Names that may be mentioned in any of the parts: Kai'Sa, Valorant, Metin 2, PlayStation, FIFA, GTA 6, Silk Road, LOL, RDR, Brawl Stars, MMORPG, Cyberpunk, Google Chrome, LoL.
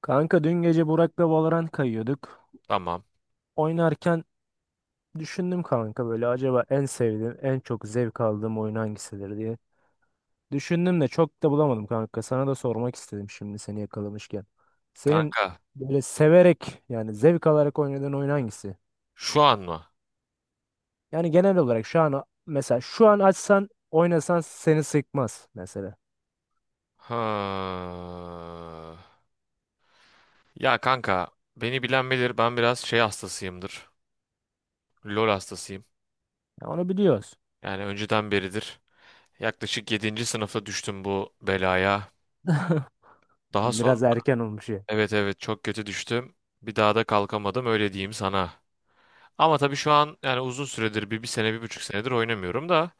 Kanka dün gece Burak'la Valorant kayıyorduk. Tamam. Oynarken düşündüm kanka böyle acaba en sevdiğim, en çok zevk aldığım oyun hangisidir diye. Düşündüm de çok da bulamadım kanka. Sana da sormak istedim şimdi seni yakalamışken. Senin Kanka böyle severek yani zevk alarak oynadığın oyun hangisi? şu an mı? Yani genel olarak şu an mesela şu an açsan oynasan seni sıkmaz mesela. Ha. Ya kanka beni bilen bilir ben biraz şey hastasıyımdır. LOL hastasıyım. Ya onu biliyoruz. Yani önceden beridir. Yaklaşık yedinci sınıfta düştüm bu belaya. Daha sonra Biraz erken olmuş ya. evet evet çok kötü düştüm. Bir daha da kalkamadım öyle diyeyim sana. Ama tabii şu an yani uzun süredir bir sene bir buçuk senedir oynamıyorum da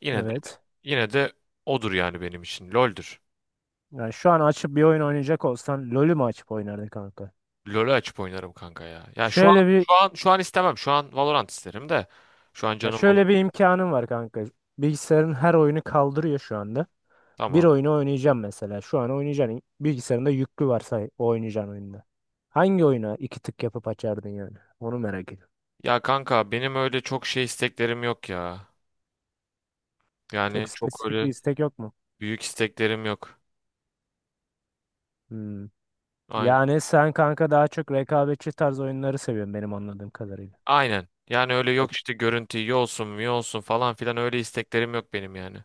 yine de Evet. yine de odur yani benim için LOL'dür. Yani şu an açıp bir oyun oynayacak olsan LoL'ü mü açıp oynardın kanka? LoL'ü açıp oynarım kanka ya. Ya şu an Şöyle bir şu an şu an istemem. Şu an Valorant isterim de. Şu an Ya canım şöyle bir Valorant. imkanım var kanka. Bilgisayarın her oyunu kaldırıyor şu anda. Bir Tamam. oyunu oynayacağım mesela. Şu an oynayacağın bilgisayarında yüklü varsa o oynayacağın oyunda. Hangi oyuna iki tık yapıp açardın yani? Onu merak ediyorum. Ya kanka benim öyle çok şey isteklerim yok ya. Çok Yani çok spesifik bir öyle istek yok mu? büyük isteklerim yok. Hmm. Aynen. Yani sen kanka daha çok rekabetçi tarz oyunları seviyorsun benim anladığım kadarıyla. Aynen. Yani öyle Evet. yok işte görüntü iyi olsun mu iyi olsun falan filan öyle isteklerim yok benim yani.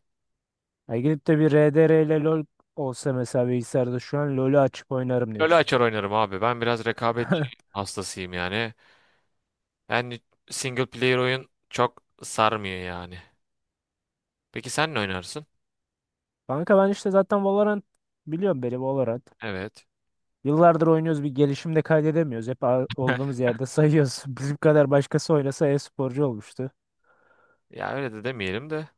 Ya gidip de bir RDR ile LoL olsa mesela bilgisayarda şu an LoL'ü açıp oynarım LoL'ü diyorsun. açar oynarım abi. Ben biraz rekabetçi hastasıyım yani. Yani single player oyun çok sarmıyor yani. Peki sen ne oynarsın? Kanka ben işte zaten Valorant biliyorum beni Valorant. Evet. Yıllardır oynuyoruz bir gelişim de kaydedemiyoruz. Hep olduğumuz yerde sayıyoruz. Bizim kadar başkası oynasa e-sporcu olmuştu. Ya öyle de demeyelim de.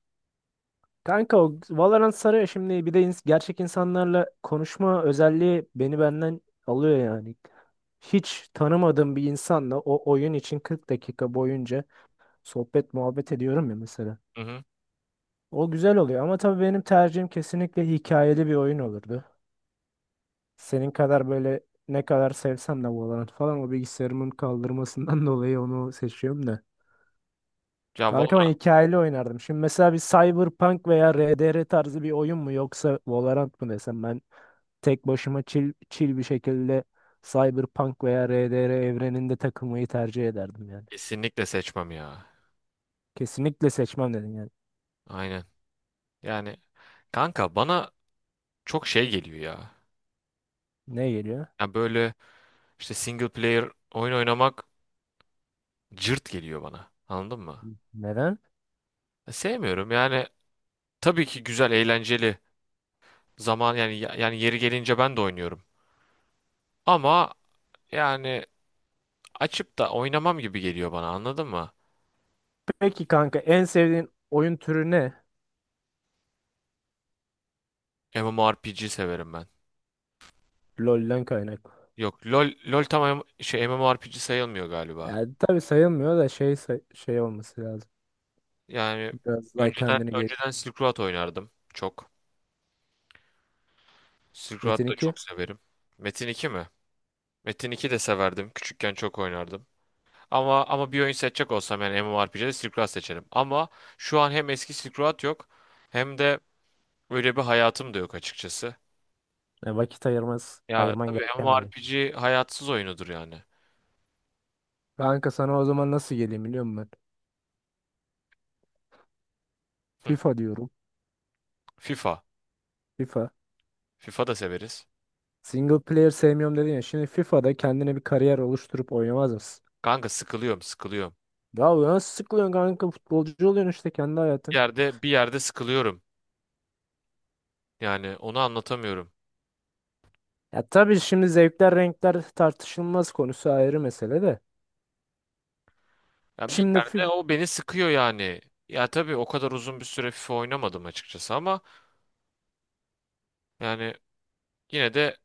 Kanka o Valorant sarıyor şimdi bir de gerçek insanlarla konuşma özelliği beni benden alıyor yani. Hiç tanımadığım bir insanla o oyun için 40 dakika boyunca sohbet muhabbet ediyorum ya mesela. Hı hı. O güzel oluyor ama tabii benim tercihim kesinlikle hikayeli bir oyun olurdu. Senin kadar böyle ne kadar sevsem de Valorant falan o bilgisayarımın kaldırmasından dolayı onu seçiyorum da. Ya Kanka ben Valorant hikayeli oynardım. Şimdi mesela bir Cyberpunk veya RDR tarzı bir oyun mu yoksa Valorant mı desem ben tek başıma chill, chill bir şekilde Cyberpunk veya RDR evreninde takılmayı tercih ederdim yani. kesinlikle seçmem ya. Kesinlikle seçmem dedin yani. Aynen. Yani kanka bana çok şey geliyor ya. Ne geliyor? Ya böyle işte single player oyun oynamak cırt geliyor bana. Anladın mı? Neden? Ya sevmiyorum. Yani tabii ki güzel, eğlenceli zaman yani yeri gelince ben de oynuyorum. Ama yani açıp da oynamam gibi geliyor bana. Anladın mı? Peki kanka en sevdiğin oyun türü ne? MMORPG severim ben. LoL'den kaynaklı. Yok LOL tam MMORPG sayılmıyor galiba. Yani tabii sayılmıyor da olması lazım. Yani Biraz daha önceden kendini gel. önceden Silk Road oynardım çok. Silk Metin Road da 2. çok severim. Metin 2 mi? Metin 2 de severdim. Küçükken çok oynardım. Ama bir oyun seçecek olsam yani MMORPG'de Silk Road seçerim. Ama şu an hem eski Silk Road yok hem de öyle bir hayatım da yok açıkçası. E, vakit ayırmaz, Ya ayırman tabii gereken bir oyun. MMORPG hayatsız oyunudur yani. Kanka sana o zaman nasıl geleyim biliyor musun Hı. FIFA diyorum. FIFA. FIFA. FIFA da severiz. Single player sevmiyorum dedin ya. Şimdi FIFA'da kendine bir kariyer oluşturup oynamaz mısın? Kanka sıkılıyorum, sıkılıyorum. Ya bu nasıl sıkılıyorsun kanka? Futbolcu oluyorsun işte kendi Bir hayatın. yerde bir yerde sıkılıyorum. Yani onu anlatamıyorum. Ya tabii şimdi zevkler renkler tartışılmaz konusu ayrı mesele de. Yani bir Şimdi yerde FIFA, o beni sıkıyor yani. Ya tabii o kadar uzun bir süre FIFA oynamadım açıkçası ama yani yine de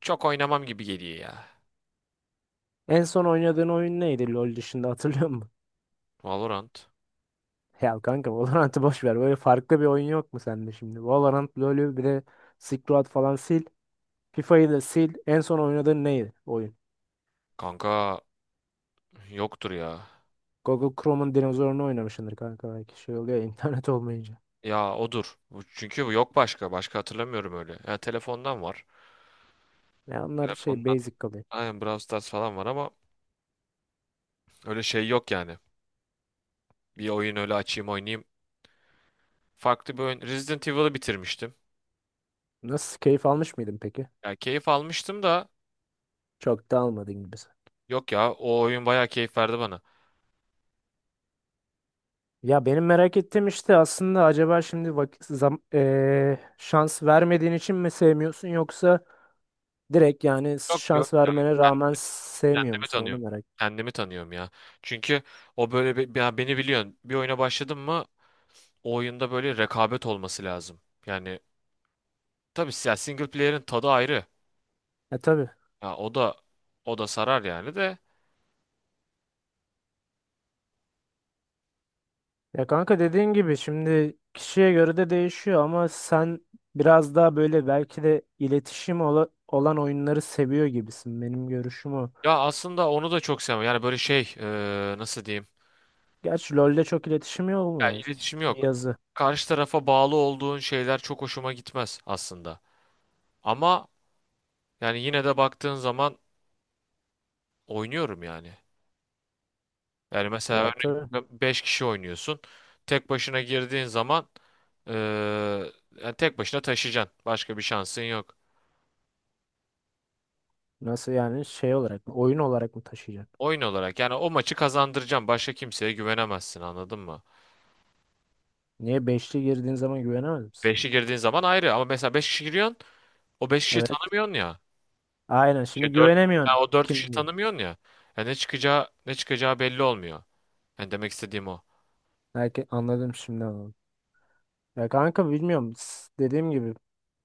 çok oynamam gibi geliyor ya. en son oynadığın oyun neydi LoL dışında hatırlıyor musun? Valorant. Ya kanka Valorant'ı boş ver. Böyle farklı bir oyun yok mu sende şimdi? Valorant, LoL'ü bir de Silk Road falan sil. FIFA'yı da sil. En son oynadığın neydi oyun? Kanka yoktur ya. Google Chrome'un dinozorunu oynamışsındır kanka belki şey oluyor ya, internet olmayınca. Ya odur. Çünkü bu yok başka. Başka hatırlamıyorum öyle. Ya telefondan var. Ya onlar şey Telefondan. basic kalıyor. Aynen Brawl Stars falan var ama öyle şey yok yani. Bir oyun öyle açayım oynayayım. Farklı bir oyun. Resident Evil'ı bitirmiştim. Nasıl keyif almış mıydın peki? Ya keyif almıştım da Çok da almadın gibisi. yok ya o oyun bayağı keyif verdi bana. Ya benim merak ettiğim işte aslında acaba şimdi vakit şans vermediğin için mi sevmiyorsun yoksa direkt yani Yok yok şans ya vermene rağmen sevmiyor kendimi musun onu tanıyorum. merak. Kendimi tanıyorum ya. Çünkü o böyle ya beni biliyorsun. Bir oyuna başladım mı o oyunda böyle rekabet olması lazım. Yani tabii ya single player'in tadı ayrı. Ya tabii. Ya o da sarar yani de. Ya kanka dediğin gibi şimdi kişiye göre de değişiyor ama sen biraz daha böyle belki de iletişim ola- olan oyunları seviyor gibisin benim görüşüm o. Ya aslında onu da çok sevmem. Yani böyle şey nasıl diyeyim? Gerçi LoL'de çok iletişim Ya olmuyor iletişim bir yok. yazı. Karşı tarafa bağlı olduğun şeyler çok hoşuma gitmez aslında. Ama yani yine de baktığın zaman oynuyorum yani. Yani mesela Ya tabii. örneğin 5 kişi oynuyorsun. Tek başına girdiğin zaman eee, yani tek başına taşıyacaksın. Başka bir şansın yok. Nasıl yani şey olarak mı? Oyun olarak mı taşıyacak? Oyun olarak yani o maçı kazandıracağım. Başka kimseye güvenemezsin anladın mı? Niye beşli girdiğin zaman güvenemez misin? 5'i girdiğin zaman ayrı ama mesela 5 kişi giriyorsun o 5 kişiyi Evet. tanımıyorsun ya. Aynen şimdi Dört ya güvenemiyorsun. o 4 kişiyi Kimin gibi? tanımıyorsun ya. Ya ne çıkacağı belli olmuyor. Yani demek istediğim o. Belki anladım şimdi anladım. Ya kanka bilmiyorum. S- Dediğim gibi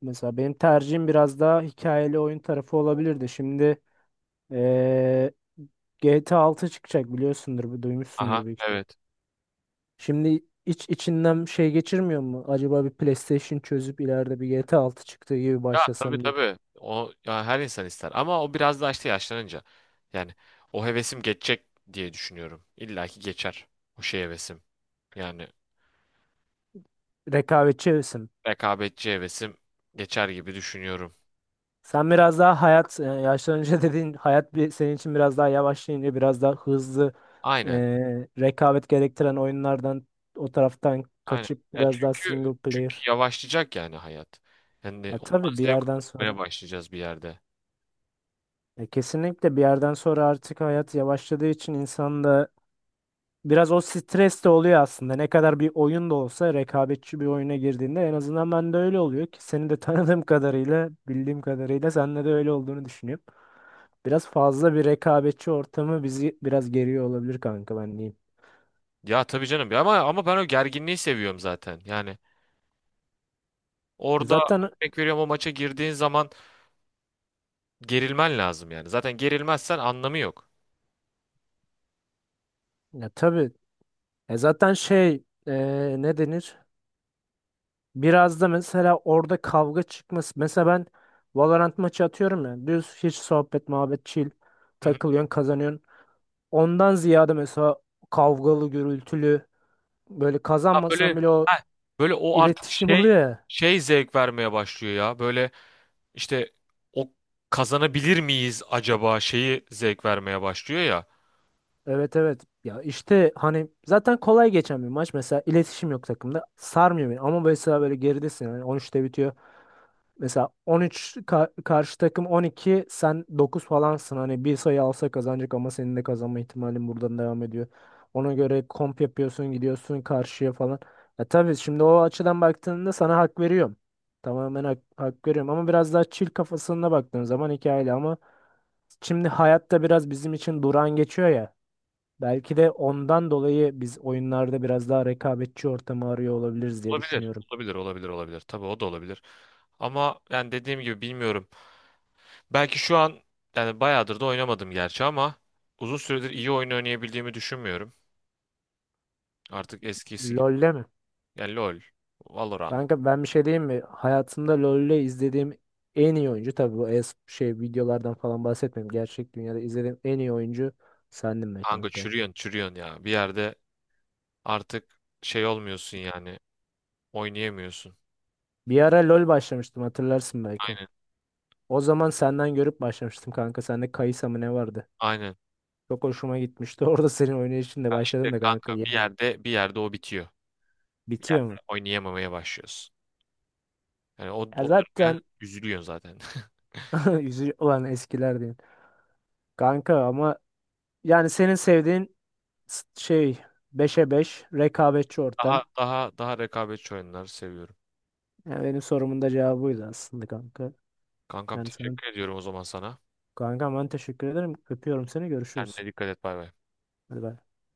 mesela benim tercihim biraz daha hikayeli oyun tarafı olabilirdi. Şimdi eee GTA 6 çıkacak biliyorsundur, bu- Aha duymuşsundur büyük ihtimal. evet. Şimdi iç içinden şey geçirmiyor mu? Acaba bir PlayStation çözüp ileride bir GTA 6 çıktığı gibi Ya tabii başlasam diye. tabii. O ya her insan ister ama o biraz daha işte yaşlanınca. Yani o hevesim geçecek diye düşünüyorum. İlla ki geçer o şey hevesim. Yani Rekabetçi hevesim. rekabetçi hevesim geçer gibi düşünüyorum. Sen biraz daha hayat e, yaşlanınca dediğin hayat bir senin için biraz daha yavaşlayınca biraz daha hızlı e, Aynen. rekabet gerektiren oyunlardan o taraftan Aynen. kaçıp Ya biraz daha çünkü single çünkü player. yavaşlayacak yani hayat. Yani Ya ondan tabii bir zevk yerden almaya sonra. başlayacağız bir yerde. Ya kesinlikle bir yerden sonra artık hayat yavaşladığı için insan da Biraz o stres de oluyor aslında. Ne kadar bir oyun da olsa rekabetçi bir oyuna girdiğinde en azından ben de öyle oluyor ki seni de tanıdığım kadarıyla, bildiğim kadarıyla sende de öyle olduğunu düşünüyorum. Biraz fazla bir rekabetçi ortamı bizi biraz geriyor olabilir kanka ben diyeyim. Ya tabii canım. Ya ama ben o gerginliği seviyorum zaten. Yani E orada zaten örnek veriyorum o maça girdiğin zaman gerilmen lazım yani. Zaten gerilmezsen anlamı yok. ya tabii e zaten şey e, ne denir? Biraz da mesela orada kavga çıkması. Mesela ben Valorant maçı atıyorum ya. Düz hiç sohbet, muhabbet, chill. Hı hı. Takılıyorsun, kazanıyorsun. Ondan ziyade mesela kavgalı, gürültülü böyle Ha kazanmasan böyle bile o ha böyle, o artık iletişim oluyor ya. Zevk vermeye başlıyor ya. Böyle işte o kazanabilir miyiz acaba şeyi zevk vermeye başlıyor ya. Evet evet. Ya işte hani zaten kolay geçen bir maç. Mesela iletişim yok takımda. Sarmıyor beni. Ama mesela böyle geridesin. Yani on üçte bitiyor. Mesela 13 ka- karşı takım 12 sen 9 falansın. Hani bir sayı alsa kazanacak ama senin de kazanma ihtimalin buradan devam ediyor. Ona göre komp yapıyorsun gidiyorsun karşıya falan. Ya tabii şimdi o açıdan baktığında sana hak veriyorum. Tamamen hak, hak veriyorum ama biraz daha chill kafasına baktığın zaman hikayeli ama şimdi hayatta biraz bizim için durağan geçiyor ya. Belki de ondan dolayı biz oyunlarda biraz daha rekabetçi ortamı arıyor olabiliriz diye Olabilir. düşünüyorum. Olabilir, olabilir, olabilir. Tabii o da olabilir. Ama yani dediğim gibi bilmiyorum. Belki şu an yani bayağıdır da oynamadım gerçi ama uzun süredir iyi oyun oynayabildiğimi düşünmüyorum. Artık eskisi gibi. LoL'le mi? Yani LoL, Valorant. Kanka ben bir şey diyeyim mi? Hayatımda LoL'le izlediğim en iyi oyuncu tabii bu es şey videolardan falan bahsetmiyorum. Gerçek dünyada izlediğim en iyi oyuncu sendin be Kanka kanka. çürüyorsun çürüyorsun ya. Bir yerde artık şey olmuyorsun yani. Oynayamıyorsun. Bir ara LoL başlamıştım hatırlarsın belki. Aynen. O zaman senden görüp başlamıştım kanka. Sende Kai'Sa mı ne vardı? Aynen. Çok hoşuma gitmişti. Orada senin oynayışınla Ya işte başladım da kanka. kanka bir Yani yerde bir yerde o bitiyor. Bir bitiyor yerde mu? oynayamamaya başlıyorsun. Yani o, Ya o dönemde zaten üzülüyorsun zaten. yüzü olan eskiler diyeyim. Kanka ama yani senin sevdiğin s- şey beşe 5 rekabetçi Daha ortam. daha daha rekabetçi oyunları seviyorum. Yani benim sorumun da cevabı buydu aslında kanka. Kankam Yani sen teşekkür ediyorum o zaman sana. kanka ben teşekkür ederim. Öpüyorum seni. Görüşürüz. Kendine dikkat et bay bay. Hadi bay.